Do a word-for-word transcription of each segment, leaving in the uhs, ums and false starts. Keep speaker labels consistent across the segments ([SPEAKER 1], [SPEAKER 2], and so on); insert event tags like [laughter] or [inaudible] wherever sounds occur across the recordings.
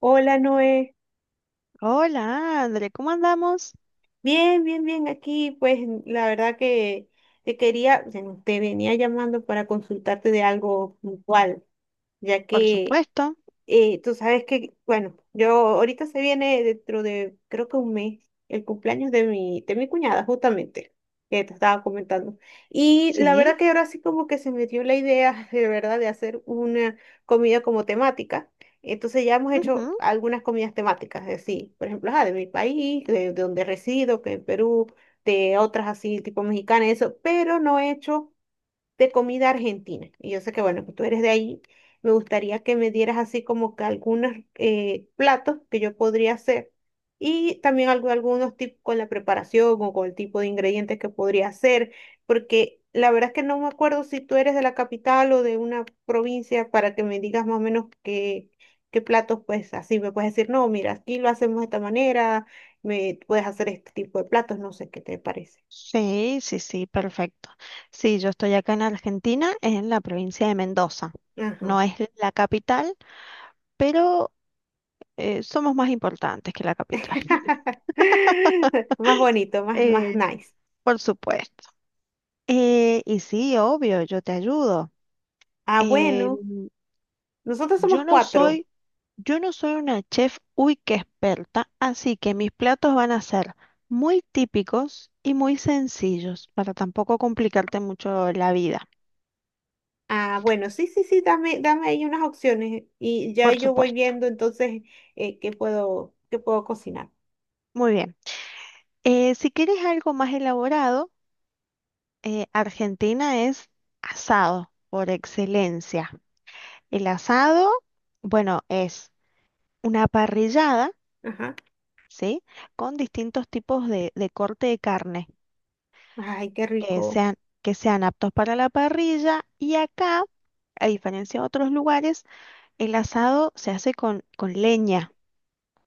[SPEAKER 1] Hola Noé,
[SPEAKER 2] Hola, André, ¿cómo andamos?
[SPEAKER 1] bien, bien, bien, aquí pues la verdad que te quería, bueno, te venía llamando para consultarte de algo puntual, ya
[SPEAKER 2] Por
[SPEAKER 1] que
[SPEAKER 2] supuesto,
[SPEAKER 1] Eh, tú sabes que, bueno, yo ahorita se viene dentro de, creo que un mes, el cumpleaños de mi, de mi cuñada, justamente, que te estaba comentando. Y la
[SPEAKER 2] sí.
[SPEAKER 1] verdad que ahora sí como que se me dio la idea, [laughs] de verdad, de hacer una comida como temática. Entonces ya hemos hecho
[SPEAKER 2] Ujú.
[SPEAKER 1] algunas comidas temáticas, así, por ejemplo, ah de mi país, de, de donde resido, que en Perú, de otras así, tipo mexicana, eso, pero no he hecho de comida argentina. Y yo sé que, bueno, que tú eres de ahí. Me gustaría que me dieras así como que algunos eh, platos que yo podría hacer y también algo- algunos tips con la preparación o con el tipo de ingredientes que podría hacer, porque la verdad es que no me acuerdo si tú eres de la capital o de una provincia para que me digas más o menos qué, qué platos, pues así me puedes decir, no, mira, aquí lo hacemos de esta manera, me puedes hacer este tipo de platos, no sé qué te parece.
[SPEAKER 2] Sí, sí, sí, perfecto. Sí, yo estoy acá en Argentina, en la provincia de Mendoza.
[SPEAKER 1] Ajá.
[SPEAKER 2] No es la capital, pero eh, somos más importantes que la capital.
[SPEAKER 1] [laughs] Más
[SPEAKER 2] [laughs]
[SPEAKER 1] bonito, más, más
[SPEAKER 2] Eh,
[SPEAKER 1] nice.
[SPEAKER 2] por supuesto. Eh, y sí, obvio, yo te ayudo.
[SPEAKER 1] Ah,
[SPEAKER 2] Eh,
[SPEAKER 1] bueno, nosotros somos
[SPEAKER 2] yo no
[SPEAKER 1] cuatro.
[SPEAKER 2] soy Yo no soy una chef uy que experta, así que mis platos van a ser muy típicos y muy sencillos para tampoco complicarte mucho la vida,
[SPEAKER 1] Ah, bueno, sí, sí, sí, dame, dame ahí unas opciones y ya
[SPEAKER 2] por
[SPEAKER 1] yo voy
[SPEAKER 2] supuesto.
[SPEAKER 1] viendo entonces eh, qué puedo, qué puedo cocinar.
[SPEAKER 2] Muy bien. Eh, si quieres algo más elaborado, eh, Argentina es asado por excelencia. El asado, bueno, es una parrillada,
[SPEAKER 1] Ajá.
[SPEAKER 2] ¿sí? Con distintos tipos de de corte de carne.
[SPEAKER 1] Ay, qué
[SPEAKER 2] que
[SPEAKER 1] rico.
[SPEAKER 2] sean, que sean aptos para la parrilla y acá, a diferencia de otros lugares, el asado se hace con, con leña,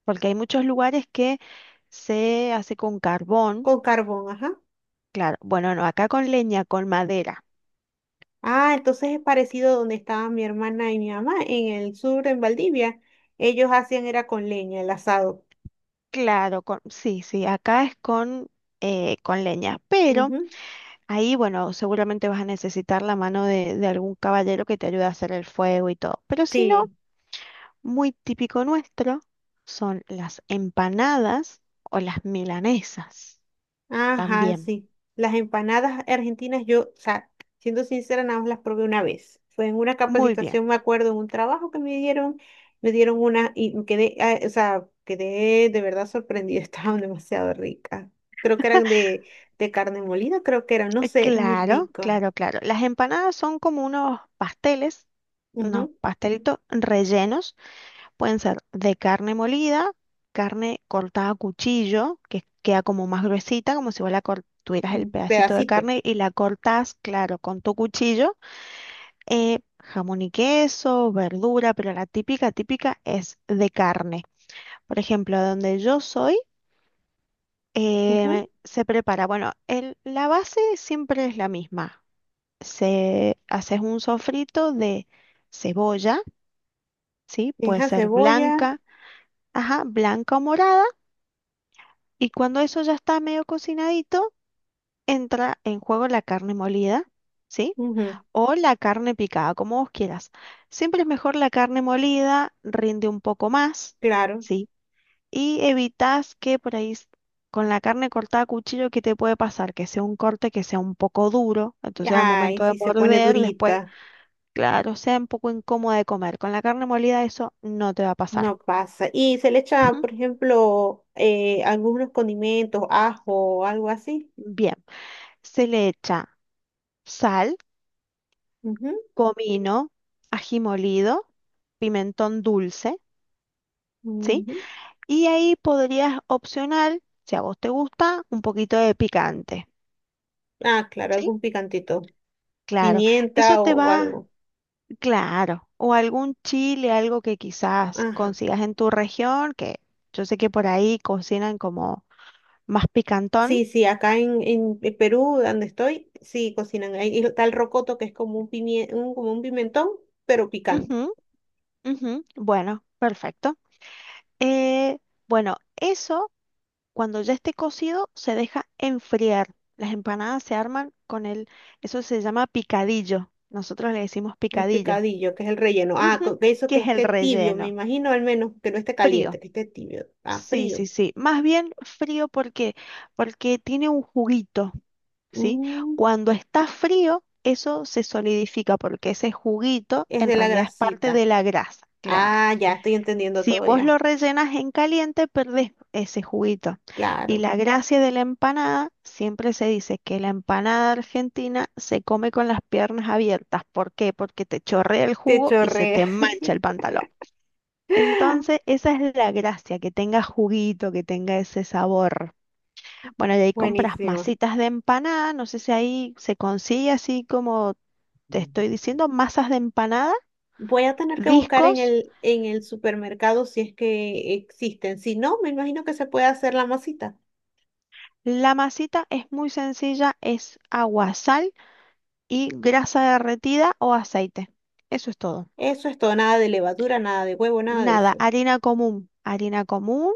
[SPEAKER 2] porque hay muchos lugares que se hace con carbón,
[SPEAKER 1] Con carbón, ajá.
[SPEAKER 2] claro, bueno, no, acá con leña, con madera,
[SPEAKER 1] Ah, entonces es parecido a donde estaba mi hermana y mi mamá, en el sur, en Valdivia. Ellos hacían era con leña, el asado.
[SPEAKER 2] claro, con, sí, sí, acá es con, eh, con leña, pero
[SPEAKER 1] Ujú,
[SPEAKER 2] ahí, bueno, seguramente vas a necesitar la mano de, de algún caballero que te ayude a hacer el fuego y todo, pero si no...
[SPEAKER 1] sí.
[SPEAKER 2] muy típico nuestro son las empanadas o las milanesas
[SPEAKER 1] Ajá,
[SPEAKER 2] también.
[SPEAKER 1] sí. Las empanadas argentinas, yo, o sea, siendo sincera, nada más las probé una vez. Fue en una
[SPEAKER 2] Muy bien.
[SPEAKER 1] capacitación, me acuerdo, en un trabajo que me dieron, me dieron una y me quedé, ah, o sea, quedé de verdad sorprendida, [laughs] estaban demasiado ricas. Creo que eran de, de carne molida, creo que eran, no
[SPEAKER 2] Eh,
[SPEAKER 1] sé, eran muy
[SPEAKER 2] Claro,
[SPEAKER 1] ricas.
[SPEAKER 2] claro, claro. Las empanadas son como unos pasteles, unos
[SPEAKER 1] Ujú,
[SPEAKER 2] pastelitos rellenos. Pueden ser de carne molida, carne cortada a cuchillo, que queda como más gruesita, como si vos la cor- tuvieras el
[SPEAKER 1] en
[SPEAKER 2] pedacito de
[SPEAKER 1] pedacitos.
[SPEAKER 2] carne y la cortás, claro, con tu cuchillo. Eh, jamón y queso, verdura, pero la típica, típica es de carne. Por ejemplo, donde yo soy,
[SPEAKER 1] Ujú.
[SPEAKER 2] eh, se prepara, bueno, el- la base siempre es la misma. Se haces un sofrito de cebolla, ¿sí? Puede
[SPEAKER 1] Deja
[SPEAKER 2] ser
[SPEAKER 1] cebolla,
[SPEAKER 2] blanca, ajá, blanca o morada, y cuando eso ya está medio cocinadito, entra en juego la carne molida, ¿sí?
[SPEAKER 1] ujú,
[SPEAKER 2] O la carne picada, como vos quieras. Siempre es mejor la carne molida, rinde un poco más,
[SPEAKER 1] claro.
[SPEAKER 2] ¿sí? Y evitas que por ahí s- con la carne cortada a cuchillo, ¿qué te puede pasar? Que sea un corte que sea un poco duro, entonces al
[SPEAKER 1] Ay,
[SPEAKER 2] momento de
[SPEAKER 1] sí, se pone
[SPEAKER 2] morder, después,
[SPEAKER 1] durita.
[SPEAKER 2] claro, sea un poco incómodo de comer. Con la carne molida eso no te va a pasar.
[SPEAKER 1] No pasa. Y se le echa,
[SPEAKER 2] Ujú.
[SPEAKER 1] por ejemplo, eh, algunos condimentos, ajo, algo así.
[SPEAKER 2] Bien, se le echa sal,
[SPEAKER 1] Ujú,
[SPEAKER 2] comino, ají molido, pimentón dulce, ¿sí?
[SPEAKER 1] ujú.
[SPEAKER 2] Y ahí podrías opcional, si a vos te gusta, un poquito de picante.
[SPEAKER 1] Ah, claro,
[SPEAKER 2] ¿Sí?
[SPEAKER 1] algún picantito.
[SPEAKER 2] Claro, eso
[SPEAKER 1] Pimienta
[SPEAKER 2] te
[SPEAKER 1] o
[SPEAKER 2] va
[SPEAKER 1] algo.
[SPEAKER 2] Claro, o algún chile, algo que quizás
[SPEAKER 1] Ajá.
[SPEAKER 2] consigas en tu región, que yo sé que por ahí cocinan como más picantón.
[SPEAKER 1] Sí, sí, acá en, en en Perú, donde estoy, sí cocinan. Ahí está el rocoto, que es como un, pimie- un- como un pimentón, pero picante.
[SPEAKER 2] Ujú, ujú. Bueno, perfecto. Eh, bueno, eso cuando ya esté cocido se deja enfriar. Las empanadas se arman con el, eso se llama picadillo. Nosotros le decimos
[SPEAKER 1] El
[SPEAKER 2] picadillo,
[SPEAKER 1] picadillo, que es el relleno. Ah,
[SPEAKER 2] Ujú,
[SPEAKER 1] co- que eso
[SPEAKER 2] que
[SPEAKER 1] que
[SPEAKER 2] es el
[SPEAKER 1] esté tibio, me
[SPEAKER 2] relleno.
[SPEAKER 1] imagino al menos que no esté caliente,
[SPEAKER 2] Frío.
[SPEAKER 1] que esté tibio. Ah,
[SPEAKER 2] Sí,
[SPEAKER 1] frío.
[SPEAKER 2] sí, sí. Más bien frío porque, porque tiene un juguito. ¿Sí?
[SPEAKER 1] Mm,
[SPEAKER 2] Cuando está frío, eso se solidifica porque ese juguito
[SPEAKER 1] es
[SPEAKER 2] en
[SPEAKER 1] de la
[SPEAKER 2] realidad es parte
[SPEAKER 1] grasita.
[SPEAKER 2] de la grasa, claro.
[SPEAKER 1] Ah, ya estoy entendiendo
[SPEAKER 2] Si
[SPEAKER 1] todo
[SPEAKER 2] vos lo
[SPEAKER 1] ya.
[SPEAKER 2] rellenas en caliente, perdés ese juguito. Y
[SPEAKER 1] Claro,
[SPEAKER 2] la gracia de la empanada, siempre se dice que la empanada argentina se come con las piernas abiertas. ¿Por qué? Porque te chorrea el
[SPEAKER 1] te
[SPEAKER 2] jugo y se
[SPEAKER 1] chorré.
[SPEAKER 2] te mancha el pantalón. Entonces,
[SPEAKER 1] [laughs]
[SPEAKER 2] esa es la gracia, que tenga juguito, que tenga ese sabor. Bueno, y ahí compras
[SPEAKER 1] Buenísimo.
[SPEAKER 2] masitas de empanada, no sé si ahí se consigue así como te estoy diciendo, masas de empanada,
[SPEAKER 1] Voy a tener que buscar en
[SPEAKER 2] discos.
[SPEAKER 1] el, en el supermercado si es que existen. Si no, me imagino que se puede hacer la masita.
[SPEAKER 2] La masita es muy sencilla, es agua, sal y grasa derretida o aceite. Eso es todo.
[SPEAKER 1] Eso es todo, nada de levadura, nada de huevo, nada de
[SPEAKER 2] Nada,
[SPEAKER 1] eso.
[SPEAKER 2] harina común, harina común,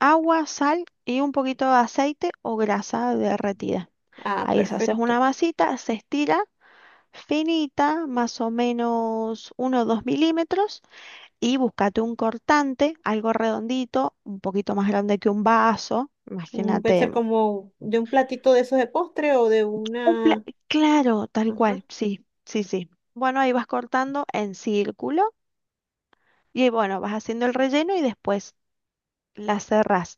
[SPEAKER 2] agua, sal y un poquito de aceite o grasa derretida.
[SPEAKER 1] Ah,
[SPEAKER 2] Ahí se hace una
[SPEAKER 1] perfecto.
[SPEAKER 2] masita, se estira finita, más o menos uno o dos milímetros y búscate un cortante, algo redondito, un poquito más grande que un vaso,
[SPEAKER 1] Mm, puede
[SPEAKER 2] imagínate,
[SPEAKER 1] ser como de un platito de esos de postre o de
[SPEAKER 2] un pla-
[SPEAKER 1] una...
[SPEAKER 2] claro, tal
[SPEAKER 1] Ajá.
[SPEAKER 2] cual, sí, sí, sí. Bueno, ahí vas cortando en círculo y bueno, vas haciendo el relleno y después la cerrás.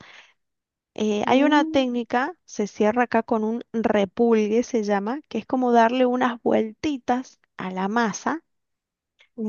[SPEAKER 2] Eh, hay una
[SPEAKER 1] Mm,
[SPEAKER 2] técnica, se cierra acá con un repulgue, se llama, que es como darle unas vueltitas a la masa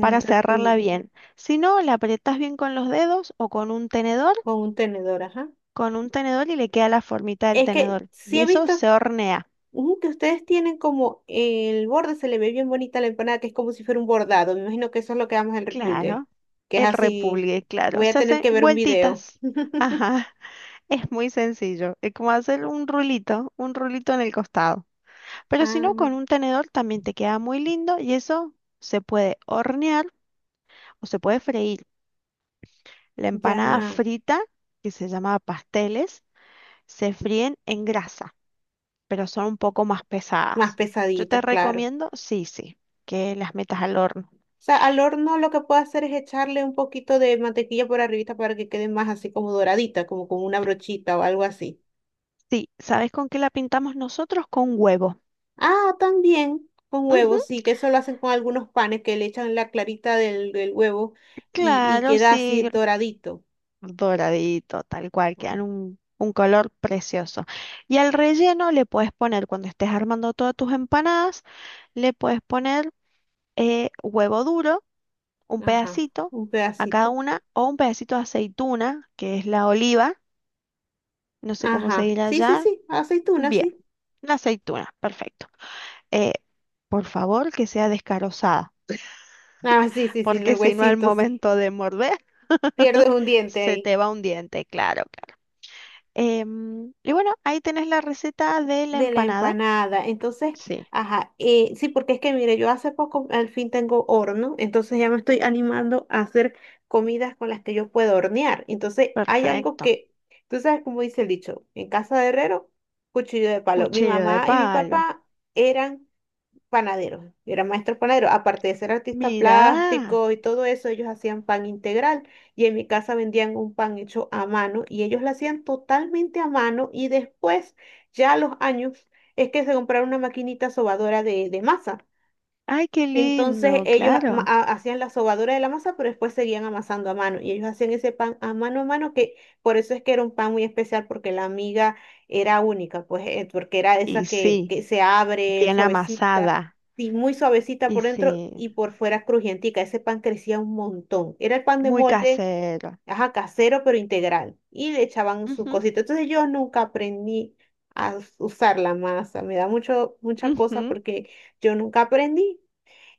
[SPEAKER 2] para cerrarla
[SPEAKER 1] pulgo,
[SPEAKER 2] bien. Si no, la apretas bien con los dedos o con un tenedor
[SPEAKER 1] con un tenedor, ajá.
[SPEAKER 2] con un tenedor y le queda la formita del
[SPEAKER 1] Es que
[SPEAKER 2] tenedor.
[SPEAKER 1] sí
[SPEAKER 2] Y
[SPEAKER 1] he
[SPEAKER 2] eso
[SPEAKER 1] visto
[SPEAKER 2] se hornea.
[SPEAKER 1] ujú, que ustedes tienen como el borde, se le ve bien bonita la empanada, que es como si fuera un bordado. Me imagino que eso es lo que damos el repulgue,
[SPEAKER 2] Claro.
[SPEAKER 1] que es
[SPEAKER 2] El
[SPEAKER 1] así.
[SPEAKER 2] repulgue, claro.
[SPEAKER 1] Voy a
[SPEAKER 2] Se
[SPEAKER 1] tener
[SPEAKER 2] hace
[SPEAKER 1] que ver un video.
[SPEAKER 2] vueltitas.
[SPEAKER 1] [laughs]
[SPEAKER 2] Ajá. [laughs] Es muy sencillo. Es como hacer un rulito, un rulito en el costado. Pero si no,
[SPEAKER 1] Ah,
[SPEAKER 2] con un tenedor también te queda muy lindo y eso se puede hornear o se puede freír. La empanada
[SPEAKER 1] ya.
[SPEAKER 2] frita, que se llama pasteles, se fríen en grasa, pero son un poco más
[SPEAKER 1] Más
[SPEAKER 2] pesadas. Yo te
[SPEAKER 1] pesaditas, claro.
[SPEAKER 2] recomiendo, sí, sí, que las metas al horno.
[SPEAKER 1] O sea, al horno lo que puedo hacer es echarle un poquito de mantequilla por arribita para que quede más así como doradita, como con una brochita o algo así.
[SPEAKER 2] Sí, ¿sabes con qué la pintamos nosotros? Con huevo.
[SPEAKER 1] Ah, también con
[SPEAKER 2] Ujú,
[SPEAKER 1] huevos, sí, que eso lo hacen con algunos panes que le echan la clarita del, del huevo y, y
[SPEAKER 2] claro,
[SPEAKER 1] queda así
[SPEAKER 2] sí,
[SPEAKER 1] doradito.
[SPEAKER 2] doradito, tal cual,
[SPEAKER 1] Ah,
[SPEAKER 2] quedan un, un color precioso. Y al relleno le puedes poner, cuando estés armando todas tus empanadas, le puedes poner eh, huevo duro, un
[SPEAKER 1] ajá,
[SPEAKER 2] pedacito
[SPEAKER 1] un
[SPEAKER 2] a cada
[SPEAKER 1] pedacito.
[SPEAKER 2] una, o un pedacito de aceituna, que es la oliva, no sé cómo se
[SPEAKER 1] Ajá,
[SPEAKER 2] dirá
[SPEAKER 1] sí, sí,
[SPEAKER 2] allá.
[SPEAKER 1] sí, aceituna,
[SPEAKER 2] Bien,
[SPEAKER 1] sí.
[SPEAKER 2] la aceituna, perfecto. Eh, por favor, que sea descarozada,
[SPEAKER 1] Ah, sí, sí, sí, el
[SPEAKER 2] porque si no, al
[SPEAKER 1] huesito, sí.
[SPEAKER 2] momento de morder.
[SPEAKER 1] Pierdes un diente
[SPEAKER 2] Se
[SPEAKER 1] ahí
[SPEAKER 2] te va un diente, claro, claro. Em, y bueno, ahí tenés la receta de la
[SPEAKER 1] de la
[SPEAKER 2] empanada.
[SPEAKER 1] empanada. Entonces,
[SPEAKER 2] Sí,
[SPEAKER 1] ajá, eh, sí, porque es que mire, yo hace poco al fin tengo horno, entonces ya me estoy animando a hacer comidas con las que yo puedo hornear. Entonces, hay algo
[SPEAKER 2] perfecto.
[SPEAKER 1] que, tú sabes cómo dice el dicho, en casa de herrero, cuchillo de palo. Mi
[SPEAKER 2] Cuchillo de
[SPEAKER 1] mamá y mi
[SPEAKER 2] palo.
[SPEAKER 1] papá eran panadero, era maestro panadero. Aparte de ser artista
[SPEAKER 2] Mirá.
[SPEAKER 1] plástico y todo eso, ellos hacían pan integral y en mi casa vendían un pan hecho a mano y ellos lo hacían totalmente a mano y después, ya a los años, es que se compraron una maquinita sobadora de, de masa.
[SPEAKER 2] Ay, qué
[SPEAKER 1] Entonces
[SPEAKER 2] lindo,
[SPEAKER 1] ellos ama-
[SPEAKER 2] claro.
[SPEAKER 1] ha- hacían la sobadura de la masa, pero después seguían amasando a mano. Y ellos hacían ese pan a mano a mano, que por eso es que era un pan muy especial, porque la miga era única, pues, eh, porque era esa
[SPEAKER 2] Y
[SPEAKER 1] que,
[SPEAKER 2] sí,
[SPEAKER 1] que se abre
[SPEAKER 2] bien
[SPEAKER 1] suavecita,
[SPEAKER 2] amasada.
[SPEAKER 1] sí, muy suavecita
[SPEAKER 2] Y
[SPEAKER 1] por dentro
[SPEAKER 2] sí,
[SPEAKER 1] y por fuera crujientica. Ese pan crecía un montón. Era el pan de
[SPEAKER 2] muy
[SPEAKER 1] molde,
[SPEAKER 2] casero.
[SPEAKER 1] ajá, casero, pero integral. Y le echaban sus
[SPEAKER 2] Ujú,
[SPEAKER 1] cositas. Entonces yo nunca aprendí a us- usar la masa. Me da mucho, mucha cosa
[SPEAKER 2] ujú.
[SPEAKER 1] porque yo nunca aprendí.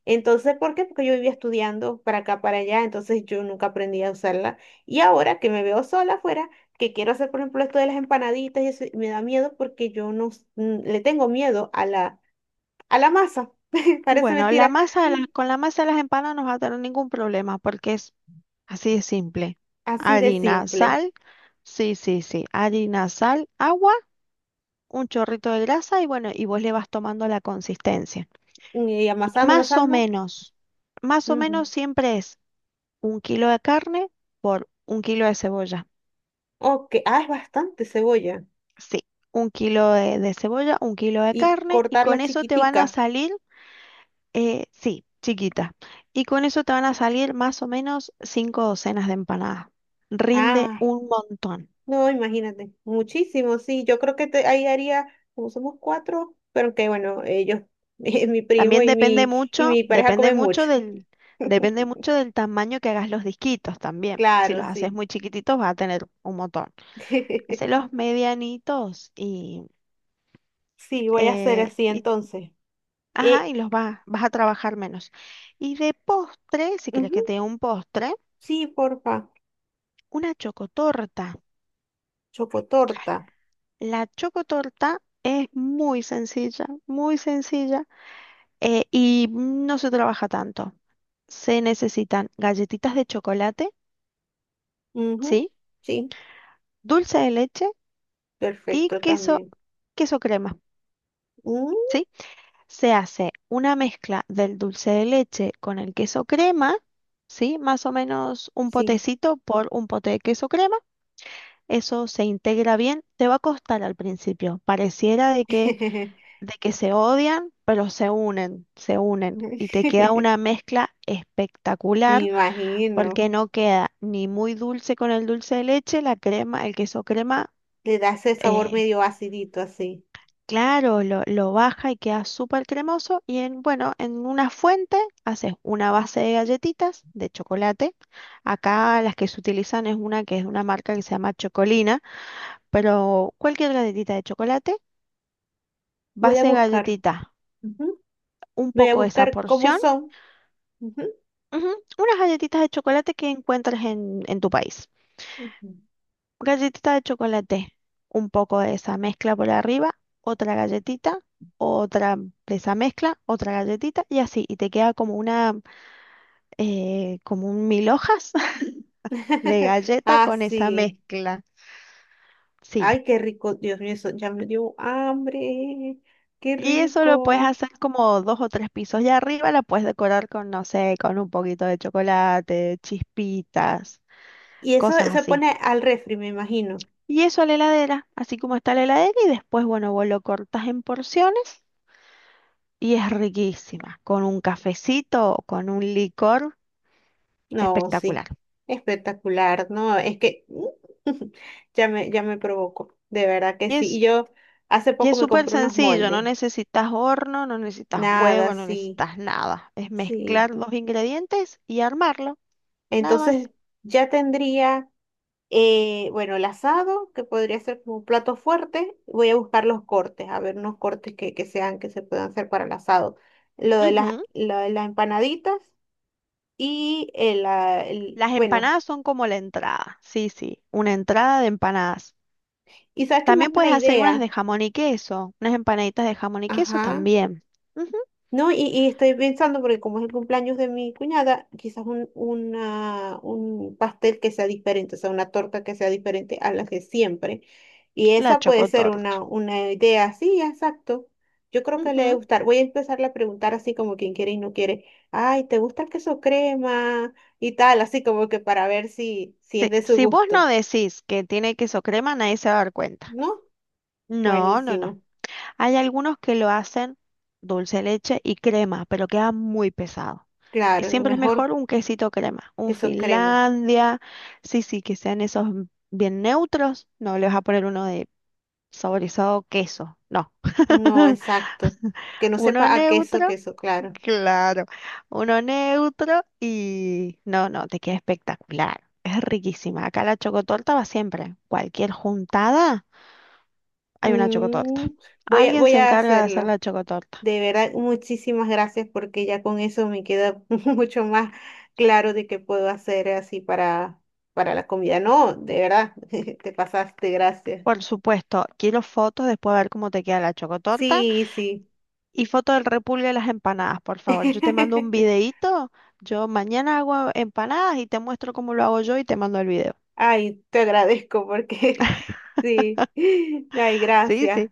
[SPEAKER 1] Entonces, ¿por qué? Porque yo vivía estudiando para acá, para allá, entonces yo nunca aprendí a usarla. Y ahora que me veo sola afuera, que quiero hacer, por ejemplo, esto de las empanaditas y eso, y me da miedo porque yo no s- n- le tengo miedo a la, a la masa. [laughs] Parece
[SPEAKER 2] Bueno, la
[SPEAKER 1] mentira,
[SPEAKER 2] masa, de las- con la masa de las empanadas no vas a tener ningún problema porque es así de simple.
[SPEAKER 1] así de
[SPEAKER 2] Harina,
[SPEAKER 1] simple.
[SPEAKER 2] sal. Sí, sí, sí. Harina, sal, agua. Un chorrito de grasa y bueno, y vos le vas tomando la consistencia.
[SPEAKER 1] Y
[SPEAKER 2] Y
[SPEAKER 1] amasando,
[SPEAKER 2] más o
[SPEAKER 1] amasando.
[SPEAKER 2] menos, más o
[SPEAKER 1] Ujú.
[SPEAKER 2] menos siempre es un kilo de carne por un kilo de cebolla.
[SPEAKER 1] Ok, ah, es bastante cebolla.
[SPEAKER 2] Sí, un kilo de, de cebolla, un kilo de
[SPEAKER 1] Y
[SPEAKER 2] carne y con
[SPEAKER 1] cortarla
[SPEAKER 2] eso te van a
[SPEAKER 1] chiquitica.
[SPEAKER 2] salir, eh, sí, chiquita. Y con eso te van a salir más o menos cinco docenas de empanadas. Rinde
[SPEAKER 1] Ah,
[SPEAKER 2] un montón.
[SPEAKER 1] no, imagínate, muchísimo, sí, yo creo que te- ahí haría, como somos cuatro, pero que bueno, ellos, [laughs] mi primo
[SPEAKER 2] También
[SPEAKER 1] y
[SPEAKER 2] depende
[SPEAKER 1] mi, y
[SPEAKER 2] mucho,
[SPEAKER 1] mi pareja
[SPEAKER 2] depende
[SPEAKER 1] comen mucho.
[SPEAKER 2] mucho del, depende
[SPEAKER 1] [laughs]
[SPEAKER 2] mucho del tamaño que hagas los disquitos también. Si
[SPEAKER 1] Claro,
[SPEAKER 2] los haces
[SPEAKER 1] sí.
[SPEAKER 2] muy chiquititos vas a tener un montón.
[SPEAKER 1] [laughs]
[SPEAKER 2] Hacelos medianitos y,
[SPEAKER 1] Sí, voy a hacer
[SPEAKER 2] eh,
[SPEAKER 1] así
[SPEAKER 2] y,
[SPEAKER 1] entonces.
[SPEAKER 2] ajá,
[SPEAKER 1] Eh,
[SPEAKER 2] y los vas, vas a trabajar menos. Y de postre, si quieres que te
[SPEAKER 1] ujú,
[SPEAKER 2] dé un postre,
[SPEAKER 1] sí, porfa,
[SPEAKER 2] una chocotorta.
[SPEAKER 1] chocotorta.
[SPEAKER 2] La chocotorta es muy sencilla, muy sencilla, eh, y no se trabaja tanto. Se necesitan galletitas de chocolate,
[SPEAKER 1] Ujú,
[SPEAKER 2] ¿sí?
[SPEAKER 1] sí,
[SPEAKER 2] Dulce de leche y
[SPEAKER 1] perfecto
[SPEAKER 2] queso,
[SPEAKER 1] también.
[SPEAKER 2] queso crema,
[SPEAKER 1] Mm,
[SPEAKER 2] ¿sí? Se hace una mezcla del dulce de leche con el queso crema, ¿sí? Más o menos un
[SPEAKER 1] sí.
[SPEAKER 2] potecito por un pote de queso crema. Eso se integra bien. Te va a costar al principio. Pareciera de que,
[SPEAKER 1] [laughs]
[SPEAKER 2] de que se odian, pero se unen, se unen
[SPEAKER 1] Me
[SPEAKER 2] y te queda una mezcla espectacular
[SPEAKER 1] imagino,
[SPEAKER 2] porque no queda ni muy dulce con el dulce de leche, la crema, el queso crema.
[SPEAKER 1] le das ese sabor
[SPEAKER 2] eh,
[SPEAKER 1] medio acidito así.
[SPEAKER 2] Claro, lo, lo baja y queda súper cremoso. Y en, bueno, en una fuente haces una base de galletitas de chocolate. Acá las que se utilizan es una que es de una marca que se llama Chocolina, pero cualquier galletita de chocolate,
[SPEAKER 1] Voy
[SPEAKER 2] base
[SPEAKER 1] a
[SPEAKER 2] de
[SPEAKER 1] buscar.
[SPEAKER 2] galletita,
[SPEAKER 1] Ujú.
[SPEAKER 2] un
[SPEAKER 1] Voy a
[SPEAKER 2] poco de esa
[SPEAKER 1] buscar cómo
[SPEAKER 2] porción,
[SPEAKER 1] son. Ujú,
[SPEAKER 2] ujú, unas galletitas de chocolate que encuentres en, en tu país.
[SPEAKER 1] ujú.
[SPEAKER 2] Galletita de chocolate, un poco de esa mezcla por arriba, otra galletita, otra de esa mezcla, otra galletita y así, y te queda como una eh, como un mil hojas [laughs] de
[SPEAKER 1] [laughs]
[SPEAKER 2] galleta
[SPEAKER 1] Ah,
[SPEAKER 2] con esa
[SPEAKER 1] sí.
[SPEAKER 2] mezcla. Sí.
[SPEAKER 1] Ay, qué rico. Dios mío, eso ya me dio hambre. Qué
[SPEAKER 2] Y eso lo puedes
[SPEAKER 1] rico.
[SPEAKER 2] hacer como dos o tres pisos y arriba la puedes decorar con, no sé, con un poquito de chocolate, chispitas,
[SPEAKER 1] Y eso
[SPEAKER 2] cosas
[SPEAKER 1] se
[SPEAKER 2] así.
[SPEAKER 1] pone al refri, me imagino.
[SPEAKER 2] Y eso a la heladera, así como está la heladera, y después, bueno, vos lo cortas en porciones y es riquísima, con un cafecito o con un licor
[SPEAKER 1] No, sí.
[SPEAKER 2] espectacular.
[SPEAKER 1] Espectacular, ¿no? Es que [laughs] ya me, ya me provocó. De verdad que
[SPEAKER 2] Y
[SPEAKER 1] sí.
[SPEAKER 2] es
[SPEAKER 1] Y yo hace
[SPEAKER 2] Y
[SPEAKER 1] poco
[SPEAKER 2] es
[SPEAKER 1] me
[SPEAKER 2] súper
[SPEAKER 1] compré unos
[SPEAKER 2] sencillo, no
[SPEAKER 1] moldes.
[SPEAKER 2] necesitas horno, no necesitas
[SPEAKER 1] Nada,
[SPEAKER 2] huevo, no
[SPEAKER 1] sí.
[SPEAKER 2] necesitas nada. Es
[SPEAKER 1] Sí.
[SPEAKER 2] mezclar los ingredientes y armarlo, nada más.
[SPEAKER 1] Entonces ya tendría. Eh, bueno, el asado, que podría ser como un plato fuerte. Voy a buscar los cortes, a ver unos cortes que, que sean, que se puedan hacer para el asado. Lo de las,
[SPEAKER 2] Ujú.
[SPEAKER 1] lo de las empanaditas y el, ah, el-
[SPEAKER 2] Las
[SPEAKER 1] bueno,
[SPEAKER 2] empanadas son como la entrada, sí, sí, una entrada de empanadas.
[SPEAKER 1] y sabes que me das
[SPEAKER 2] También
[SPEAKER 1] una
[SPEAKER 2] puedes hacer unas de
[SPEAKER 1] idea.
[SPEAKER 2] jamón y queso, unas empanaditas de jamón y queso
[SPEAKER 1] Ajá.
[SPEAKER 2] también. Ujú.
[SPEAKER 1] No, y, y estoy pensando, porque como es el cumpleaños de mi cuñada, quizás un, una, un pastel que sea diferente, o sea, una torta que sea diferente a la que siempre. Y
[SPEAKER 2] La
[SPEAKER 1] esa puede ser
[SPEAKER 2] chocotorta.
[SPEAKER 1] una, una idea, sí, exacto. Yo creo que le debe
[SPEAKER 2] Ujú.
[SPEAKER 1] gustar. Voy a empezarle a preguntar así como quien quiere y no quiere. Ay, ¿te gusta el queso crema? Y tal, así como que para ver si, si es
[SPEAKER 2] Sí,
[SPEAKER 1] de su
[SPEAKER 2] si vos
[SPEAKER 1] gusto.
[SPEAKER 2] no decís que tiene queso crema, nadie se va a dar cuenta.
[SPEAKER 1] ¿No?
[SPEAKER 2] No, no, no.
[SPEAKER 1] Buenísimo.
[SPEAKER 2] Hay algunos que lo hacen dulce de leche y crema, pero queda muy pesado. Y
[SPEAKER 1] Claro, lo
[SPEAKER 2] siempre es
[SPEAKER 1] mejor
[SPEAKER 2] mejor un quesito crema, un
[SPEAKER 1] queso crema.
[SPEAKER 2] Finlandia, sí, sí, que sean esos bien neutros. No le vas a poner uno de saborizado queso, no.
[SPEAKER 1] No,
[SPEAKER 2] [laughs]
[SPEAKER 1] exacto. Que no
[SPEAKER 2] Uno
[SPEAKER 1] sepa a queso,
[SPEAKER 2] neutro,
[SPEAKER 1] queso, claro.
[SPEAKER 2] claro, uno neutro y no, no, te queda espectacular. Es riquísima. Acá la chocotorta va siempre. Cualquier juntada, hay una chocotorta.
[SPEAKER 1] Mm, voy a,
[SPEAKER 2] Alguien
[SPEAKER 1] voy
[SPEAKER 2] se
[SPEAKER 1] a
[SPEAKER 2] encarga de hacer
[SPEAKER 1] hacerlo.
[SPEAKER 2] la chocotorta.
[SPEAKER 1] De verdad, muchísimas gracias porque ya con eso me queda [laughs] mucho más claro de qué puedo hacer así para, para la comida. No, de verdad, [laughs] te pasaste, gracias.
[SPEAKER 2] Por supuesto, quiero fotos después a ver cómo te queda la chocotorta
[SPEAKER 1] Sí, sí.
[SPEAKER 2] y foto del repulgue de las empanadas, por favor. Yo te mando un
[SPEAKER 1] [laughs]
[SPEAKER 2] videíto, yo mañana hago empanadas y te muestro cómo lo hago yo y te mando el video.
[SPEAKER 1] Ay, te agradezco porque [laughs] sí. Ay,
[SPEAKER 2] Sí,
[SPEAKER 1] gracias.
[SPEAKER 2] sí,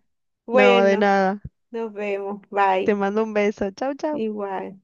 [SPEAKER 2] no, de
[SPEAKER 1] Bueno,
[SPEAKER 2] nada.
[SPEAKER 1] nos vemos.
[SPEAKER 2] Te
[SPEAKER 1] Bye.
[SPEAKER 2] mando un beso. Chau, chau.
[SPEAKER 1] Igual.